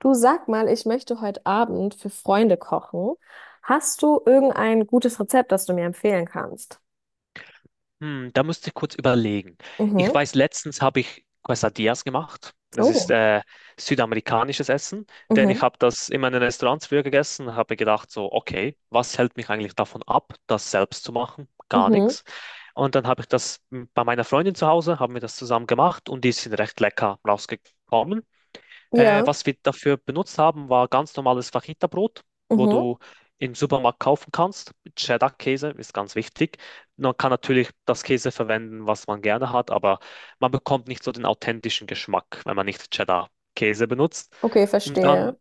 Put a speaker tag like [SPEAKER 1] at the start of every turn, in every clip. [SPEAKER 1] Du, sag mal, ich möchte heute Abend für Freunde kochen. Hast du irgendein gutes Rezept, das du mir empfehlen kannst?
[SPEAKER 2] Hm, da müsste ich kurz überlegen. Ich
[SPEAKER 1] Mhm.
[SPEAKER 2] weiß, letztens habe ich Quesadillas gemacht. Das ist
[SPEAKER 1] Oh.
[SPEAKER 2] südamerikanisches Essen, denn ich
[SPEAKER 1] Mhm.
[SPEAKER 2] habe das immer in meinen Restaurants früher gegessen und habe gedacht, so, okay, was hält mich eigentlich davon ab, das selbst zu machen? Gar
[SPEAKER 1] Mhm.
[SPEAKER 2] nichts. Und dann habe ich bei meiner Freundin zu Hause, haben wir das zusammen gemacht und die sind recht lecker rausgekommen.
[SPEAKER 1] Ja.
[SPEAKER 2] Was wir dafür benutzt haben, war ganz normales Fajita-Brot, wo
[SPEAKER 1] Mhm.
[SPEAKER 2] du im Supermarkt kaufen kannst. Cheddar-Käse ist ganz wichtig. Man kann natürlich das Käse verwenden, was man gerne hat, aber man bekommt nicht so den authentischen Geschmack, wenn man nicht Cheddar-Käse benutzt.
[SPEAKER 1] Okay,
[SPEAKER 2] Und dann,
[SPEAKER 1] verstehe.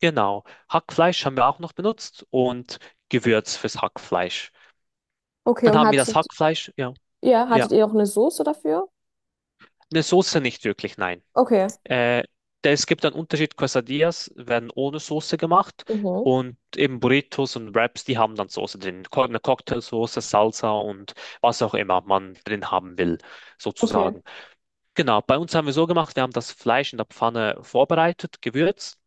[SPEAKER 2] genau, Hackfleisch haben wir auch noch benutzt und Gewürz fürs Hackfleisch.
[SPEAKER 1] Okay,
[SPEAKER 2] Dann
[SPEAKER 1] und
[SPEAKER 2] haben wir das
[SPEAKER 1] hattet,
[SPEAKER 2] Hackfleisch, ja,
[SPEAKER 1] ja,
[SPEAKER 2] ja,
[SPEAKER 1] hattet ihr auch eine Soße dafür?
[SPEAKER 2] eine Soße nicht wirklich, nein.
[SPEAKER 1] Okay.
[SPEAKER 2] Äh, Es gibt einen Unterschied. Quesadillas werden ohne Soße gemacht
[SPEAKER 1] Mhm.
[SPEAKER 2] und eben Burritos und Wraps, die haben dann Soße drin. Eine Cocktailsoße, Salsa und was auch immer man drin haben will,
[SPEAKER 1] Okay.
[SPEAKER 2] sozusagen. Genau, bei uns haben wir so gemacht, wir haben das Fleisch in der Pfanne vorbereitet, gewürzt.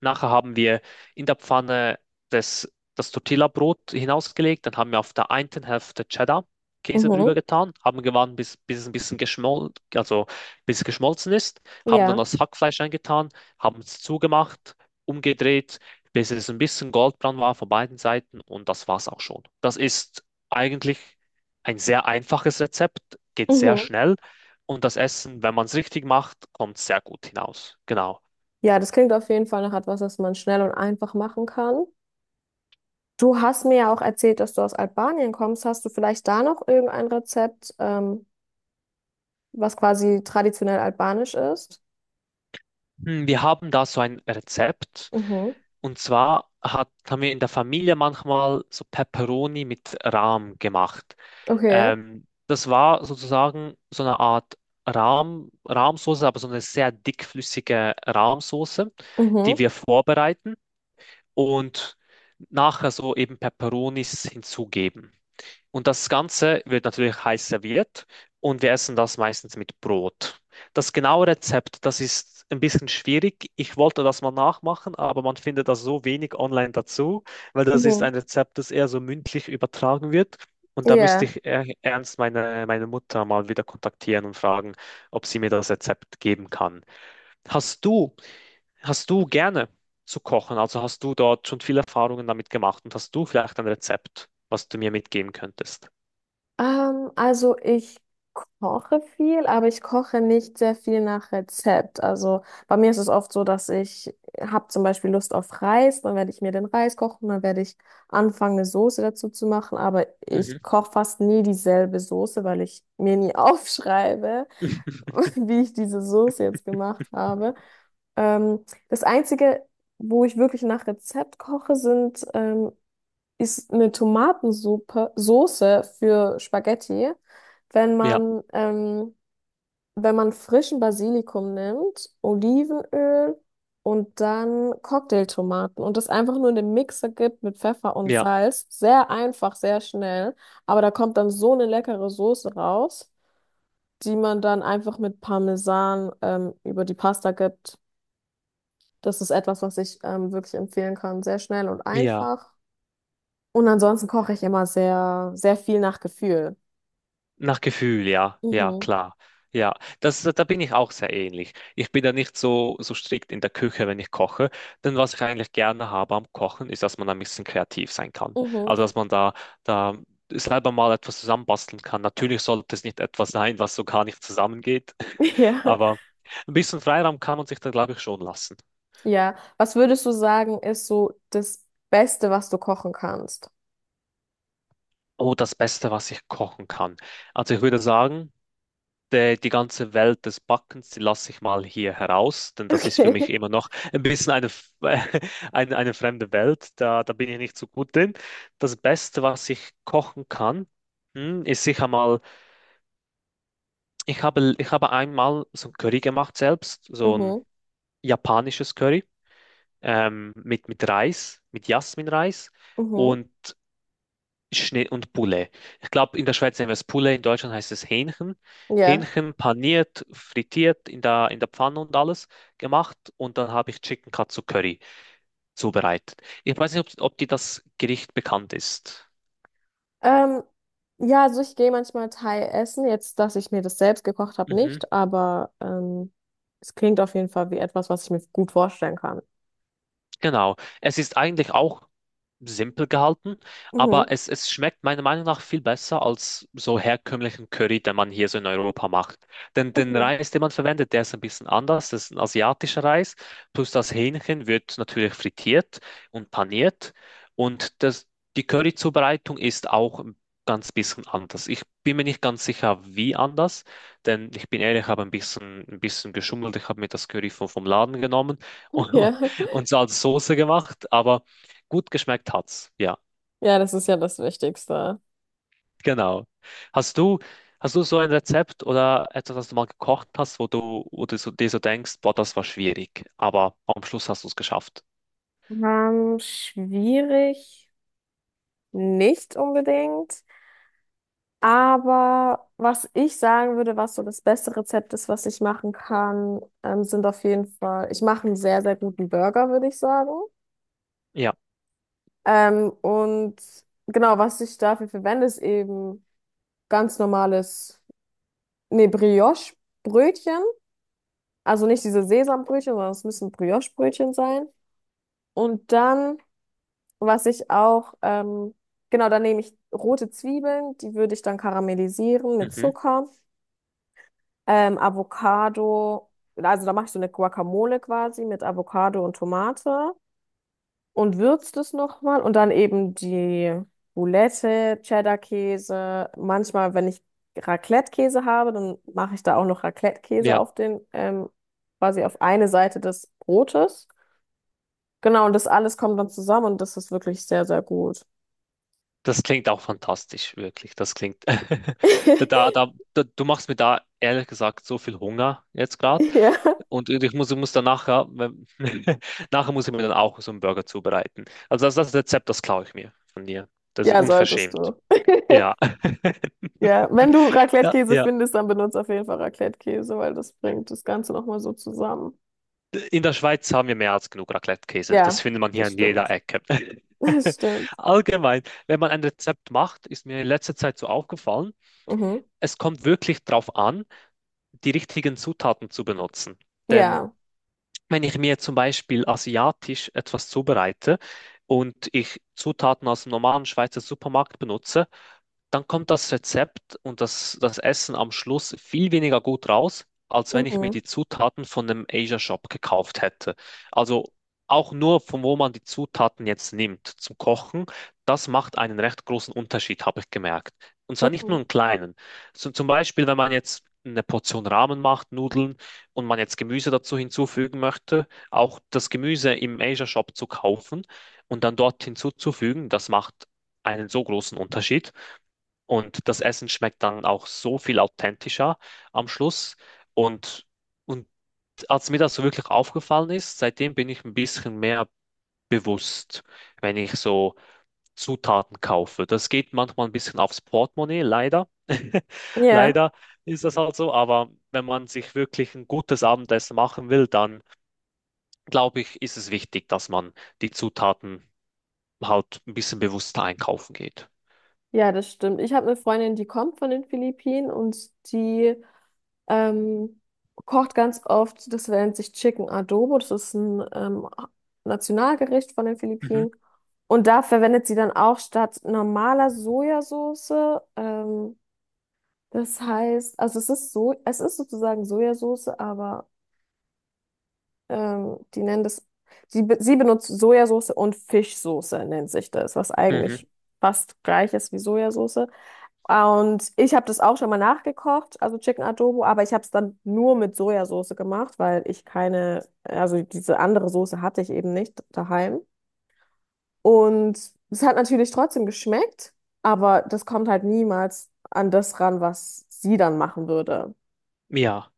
[SPEAKER 2] Nachher haben wir in der Pfanne das Tortilla-Brot hinausgelegt, dann haben wir auf der einen Hälfte Cheddar-Käse
[SPEAKER 1] Mhm.
[SPEAKER 2] drüber getan, haben gewartet, bis es ein bisschen geschmolzen, also bis es geschmolzen ist, haben dann
[SPEAKER 1] Ja.
[SPEAKER 2] das Hackfleisch eingetan, haben es zugemacht, umgedreht, bis es ein bisschen goldbraun war von beiden Seiten und das war's auch schon. Das ist eigentlich ein sehr einfaches Rezept, geht sehr
[SPEAKER 1] Mhm.
[SPEAKER 2] schnell und das Essen, wenn man es richtig macht, kommt sehr gut hinaus. Genau.
[SPEAKER 1] Ja, das klingt auf jeden Fall nach etwas, das man schnell und einfach machen kann. Du hast mir ja auch erzählt, dass du aus Albanien kommst. Hast du vielleicht da noch irgendein Rezept, was quasi traditionell albanisch ist?
[SPEAKER 2] Hm, wir haben da so ein Rezept.
[SPEAKER 1] Mhm.
[SPEAKER 2] Und haben wir in der Familie manchmal so Pepperoni mit Rahm gemacht.
[SPEAKER 1] Okay.
[SPEAKER 2] Das war sozusagen so eine Art Rahmsoße, aber so eine sehr dickflüssige Rahmsoße, die
[SPEAKER 1] Mhm.
[SPEAKER 2] wir vorbereiten und nachher so eben Pepperonis hinzugeben. Und das Ganze wird natürlich heiß serviert und wir essen das meistens mit Brot. Das genaue Rezept, das ist ein bisschen schwierig. Ich wollte das mal nachmachen, aber man findet das so wenig online dazu, weil das ist
[SPEAKER 1] Mhm.
[SPEAKER 2] ein Rezept, das eher so mündlich übertragen wird. Und da
[SPEAKER 1] Ja.
[SPEAKER 2] müsste ich meine Mutter mal wieder kontaktieren und fragen, ob sie mir das Rezept geben kann. Hast du, hast du gerne zu kochen? Also hast du dort schon viele Erfahrungen damit gemacht und hast du vielleicht ein Rezept, was du mir mitgeben könntest?
[SPEAKER 1] Also ich koche viel, aber ich koche nicht sehr viel nach Rezept. Also bei mir ist es oft so, dass ich habe zum Beispiel Lust auf Reis, dann werde ich mir den Reis kochen, dann werde ich anfangen, eine Soße dazu zu machen, aber ich
[SPEAKER 2] Mhm.
[SPEAKER 1] koche fast nie dieselbe Soße, weil ich mir nie aufschreibe, wie ich diese Soße jetzt gemacht habe. Das Einzige, wo ich wirklich nach Rezept koche, sind ist eine Tomatensuppe, Soße für Spaghetti, wenn
[SPEAKER 2] Ja,
[SPEAKER 1] man, wenn man frischen Basilikum nimmt, Olivenöl und dann Cocktailtomaten und das einfach nur in den Mixer gibt mit Pfeffer und
[SPEAKER 2] ja,
[SPEAKER 1] Salz. Sehr einfach, sehr schnell, aber da kommt dann so eine leckere Soße raus, die man dann einfach mit Parmesan, über die Pasta gibt. Das ist etwas, was ich, wirklich empfehlen kann. Sehr schnell und
[SPEAKER 2] ja.
[SPEAKER 1] einfach. Und ansonsten koche ich immer sehr, sehr viel nach Gefühl.
[SPEAKER 2] Nach Gefühl, ja, ja,
[SPEAKER 1] Mhm.
[SPEAKER 2] klar. Ja, das, da bin ich auch sehr ähnlich. Ich bin da nicht so strikt in der Küche, wenn ich koche. Denn was ich eigentlich gerne habe am Kochen, ist, dass man ein bisschen kreativ sein kann.
[SPEAKER 1] Mhm.
[SPEAKER 2] Also, dass man da selber mal etwas zusammenbasteln kann. Natürlich sollte es nicht etwas sein, was so gar nicht zusammengeht.
[SPEAKER 1] Ja.
[SPEAKER 2] Aber ein bisschen Freiraum kann man sich da, glaube ich, schon lassen.
[SPEAKER 1] Ja. Was würdest du sagen, ist so das Beste, was du kochen kannst?
[SPEAKER 2] Oh, das Beste, was ich kochen kann. Also, ich würde sagen, die ganze Welt des Backens, die lasse ich mal hier heraus, denn das ist für
[SPEAKER 1] Okay.
[SPEAKER 2] mich immer noch ein bisschen eine fremde Welt. Da bin ich nicht so gut drin. Das Beste, was ich kochen kann, hm, ist sicher mal, ich habe einmal so ein Curry gemacht selbst, so ein
[SPEAKER 1] Mhm.
[SPEAKER 2] japanisches Curry mit Reis, mit Jasminreis.
[SPEAKER 1] Mhm.
[SPEAKER 2] Und Schnee und Poulet. Ich glaube, in der Schweiz nennen wir es Poulet, in Deutschland heißt es Hähnchen.
[SPEAKER 1] Ja.
[SPEAKER 2] Hähnchen paniert, frittiert in in der Pfanne und alles gemacht. Und dann habe ich Chicken Katsu Curry zubereitet. Ich weiß nicht, ob dir das Gericht bekannt ist.
[SPEAKER 1] Ähm, ja, also ich gehe manchmal Thai essen. Jetzt, dass ich mir das selbst gekocht habe,
[SPEAKER 2] Mhm.
[SPEAKER 1] nicht, aber es klingt auf jeden Fall wie etwas, was ich mir gut vorstellen kann.
[SPEAKER 2] Genau. Es ist eigentlich auch simpel gehalten, aber
[SPEAKER 1] Mhm.
[SPEAKER 2] es schmeckt meiner Meinung nach viel besser als so herkömmlichen Curry, den man hier so in Europa macht. Denn den
[SPEAKER 1] Mhm.
[SPEAKER 2] Reis, den man verwendet, der ist ein bisschen anders. Das ist ein asiatischer Reis. Plus das Hähnchen wird natürlich frittiert und paniert. Und die Curry-Zubereitung ist auch ein ganz bisschen anders. Ich bin mir nicht ganz sicher, wie anders, denn ich bin ehrlich, ich habe ein bisschen geschummelt. Ich habe mir das Curry vom Laden genommen.
[SPEAKER 1] Ja.
[SPEAKER 2] Und so als Soße gemacht, aber gut geschmeckt hat's. Ja,
[SPEAKER 1] Ja, das ist ja das Wichtigste.
[SPEAKER 2] genau. Hast du, hast du so ein Rezept oder etwas, das du mal gekocht hast, wo du so, dir so denkst, boah, das war schwierig, aber am Schluss hast du es geschafft.
[SPEAKER 1] Schwierig, nicht unbedingt. Aber was ich sagen würde, was so das beste Rezept ist, was ich machen kann, sind auf jeden Fall, ich mache einen sehr, sehr guten Burger, würde ich sagen.
[SPEAKER 2] Ja,
[SPEAKER 1] Und genau, was ich dafür verwende, ist eben ganz normales, nee, Brioche-Brötchen. Also nicht diese Sesambrötchen, sondern es müssen Brioche-Brötchen sein. Und dann, was ich auch, genau, dann nehme ich rote Zwiebeln, die würde ich dann karamellisieren mit
[SPEAKER 2] mhm.
[SPEAKER 1] Zucker. Avocado, also da mache ich so eine Guacamole quasi mit Avocado und Tomate und würzt es nochmal und dann eben die Boulette, Cheddar-Käse. Manchmal, wenn ich Raclette-Käse habe, dann mache ich da auch noch Raclette-Käse
[SPEAKER 2] Ja,
[SPEAKER 1] auf den, quasi auf eine Seite des Brotes. Genau, und das alles kommt dann zusammen und das ist wirklich sehr, sehr gut.
[SPEAKER 2] das klingt auch fantastisch, wirklich. Das klingt. Du machst mir da ehrlich gesagt so viel Hunger jetzt gerade.
[SPEAKER 1] Ja,
[SPEAKER 2] Und ich muss dann nachher, wenn- nachher muss ich mir dann auch so einen Burger zubereiten. Also das Rezept, das klaue ich mir von dir. Das ist
[SPEAKER 1] ja, solltest
[SPEAKER 2] unverschämt.
[SPEAKER 1] du.
[SPEAKER 2] Ja.
[SPEAKER 1] Ja, wenn du
[SPEAKER 2] Ja,
[SPEAKER 1] Raclette-Käse
[SPEAKER 2] ja.
[SPEAKER 1] findest, dann benutzt auf jeden Fall Raclette-Käse, weil das bringt das Ganze nochmal so zusammen.
[SPEAKER 2] In der Schweiz haben wir mehr als genug Raclette-Käse. Das
[SPEAKER 1] Ja,
[SPEAKER 2] findet man hier
[SPEAKER 1] das
[SPEAKER 2] an
[SPEAKER 1] stimmt.
[SPEAKER 2] jeder Ecke.
[SPEAKER 1] Das stimmt.
[SPEAKER 2] Allgemein, wenn man ein Rezept macht, ist mir in letzter Zeit so aufgefallen,
[SPEAKER 1] Mhm.
[SPEAKER 2] es kommt wirklich darauf an, die richtigen Zutaten zu benutzen. Denn
[SPEAKER 1] Ja.
[SPEAKER 2] wenn ich mir zum Beispiel asiatisch etwas zubereite und ich Zutaten aus dem normalen Schweizer Supermarkt benutze, dann kommt das Rezept und das Essen am Schluss viel weniger gut raus, als wenn ich mir
[SPEAKER 1] Mhm.
[SPEAKER 2] die Zutaten von einem Asia Shop gekauft hätte. Also auch nur von wo man die Zutaten jetzt nimmt zum Kochen, das macht einen recht großen Unterschied, habe ich gemerkt. Und zwar nicht nur
[SPEAKER 1] Mhm.
[SPEAKER 2] einen kleinen. So, zum Beispiel, wenn man jetzt eine Portion Ramen macht, Nudeln und man jetzt Gemüse dazu hinzufügen möchte, auch das Gemüse im Asia Shop zu kaufen und dann dort hinzuzufügen, das macht einen so großen Unterschied. Und das Essen schmeckt dann auch so viel authentischer am Schluss. Und, und als mir das so wirklich aufgefallen ist, seitdem bin ich ein bisschen mehr bewusst, wenn ich so Zutaten kaufe. Das geht manchmal ein bisschen aufs Portemonnaie, leider.
[SPEAKER 1] Ja.
[SPEAKER 2] Leider ist das halt so, aber wenn man sich wirklich ein gutes Abendessen machen will, dann glaube ich, ist es wichtig, dass man die Zutaten halt ein bisschen bewusster einkaufen geht.
[SPEAKER 1] Ja, das stimmt. Ich habe eine Freundin, die kommt von den Philippinen und die ähm, kocht ganz oft, das nennt sich Chicken Adobo. Das ist ein Nationalgericht von den
[SPEAKER 2] Mhm.
[SPEAKER 1] Philippinen. Und da verwendet sie dann auch statt normaler Sojasauce ähm, das heißt, also es ist so, es ist sozusagen Sojasauce, aber die nennen das, sie benutzt Sojasauce und Fischsoße nennt sich das, was
[SPEAKER 2] Mhm.
[SPEAKER 1] eigentlich fast gleich ist wie Sojasauce. Und ich habe das auch schon mal nachgekocht, also Chicken Adobo, aber ich habe es dann nur mit Sojasauce gemacht, weil ich keine, also diese andere Soße hatte ich eben nicht daheim. Und es hat natürlich trotzdem geschmeckt, aber das kommt halt niemals an das ran, was sie dann machen würde.
[SPEAKER 2] Ja.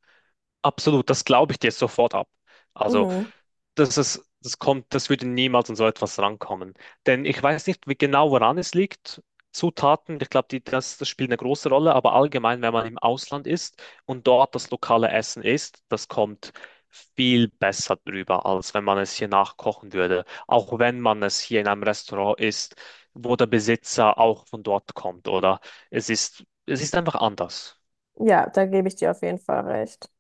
[SPEAKER 2] Absolut, das glaube ich dir sofort ab. Also,
[SPEAKER 1] Mhm.
[SPEAKER 2] das kommt, das würde niemals an so etwas rankommen. Denn ich weiß nicht wie genau, woran es liegt. Zutaten, ich glaube, das spielt eine große Rolle, aber allgemein, wenn man im Ausland ist und dort das lokale Essen isst, das kommt viel besser drüber, als wenn man es hier nachkochen würde. Auch wenn man es hier in einem Restaurant isst, wo der Besitzer auch von dort kommt, oder? Es ist einfach anders.
[SPEAKER 1] Ja, da gebe ich dir auf jeden Fall recht.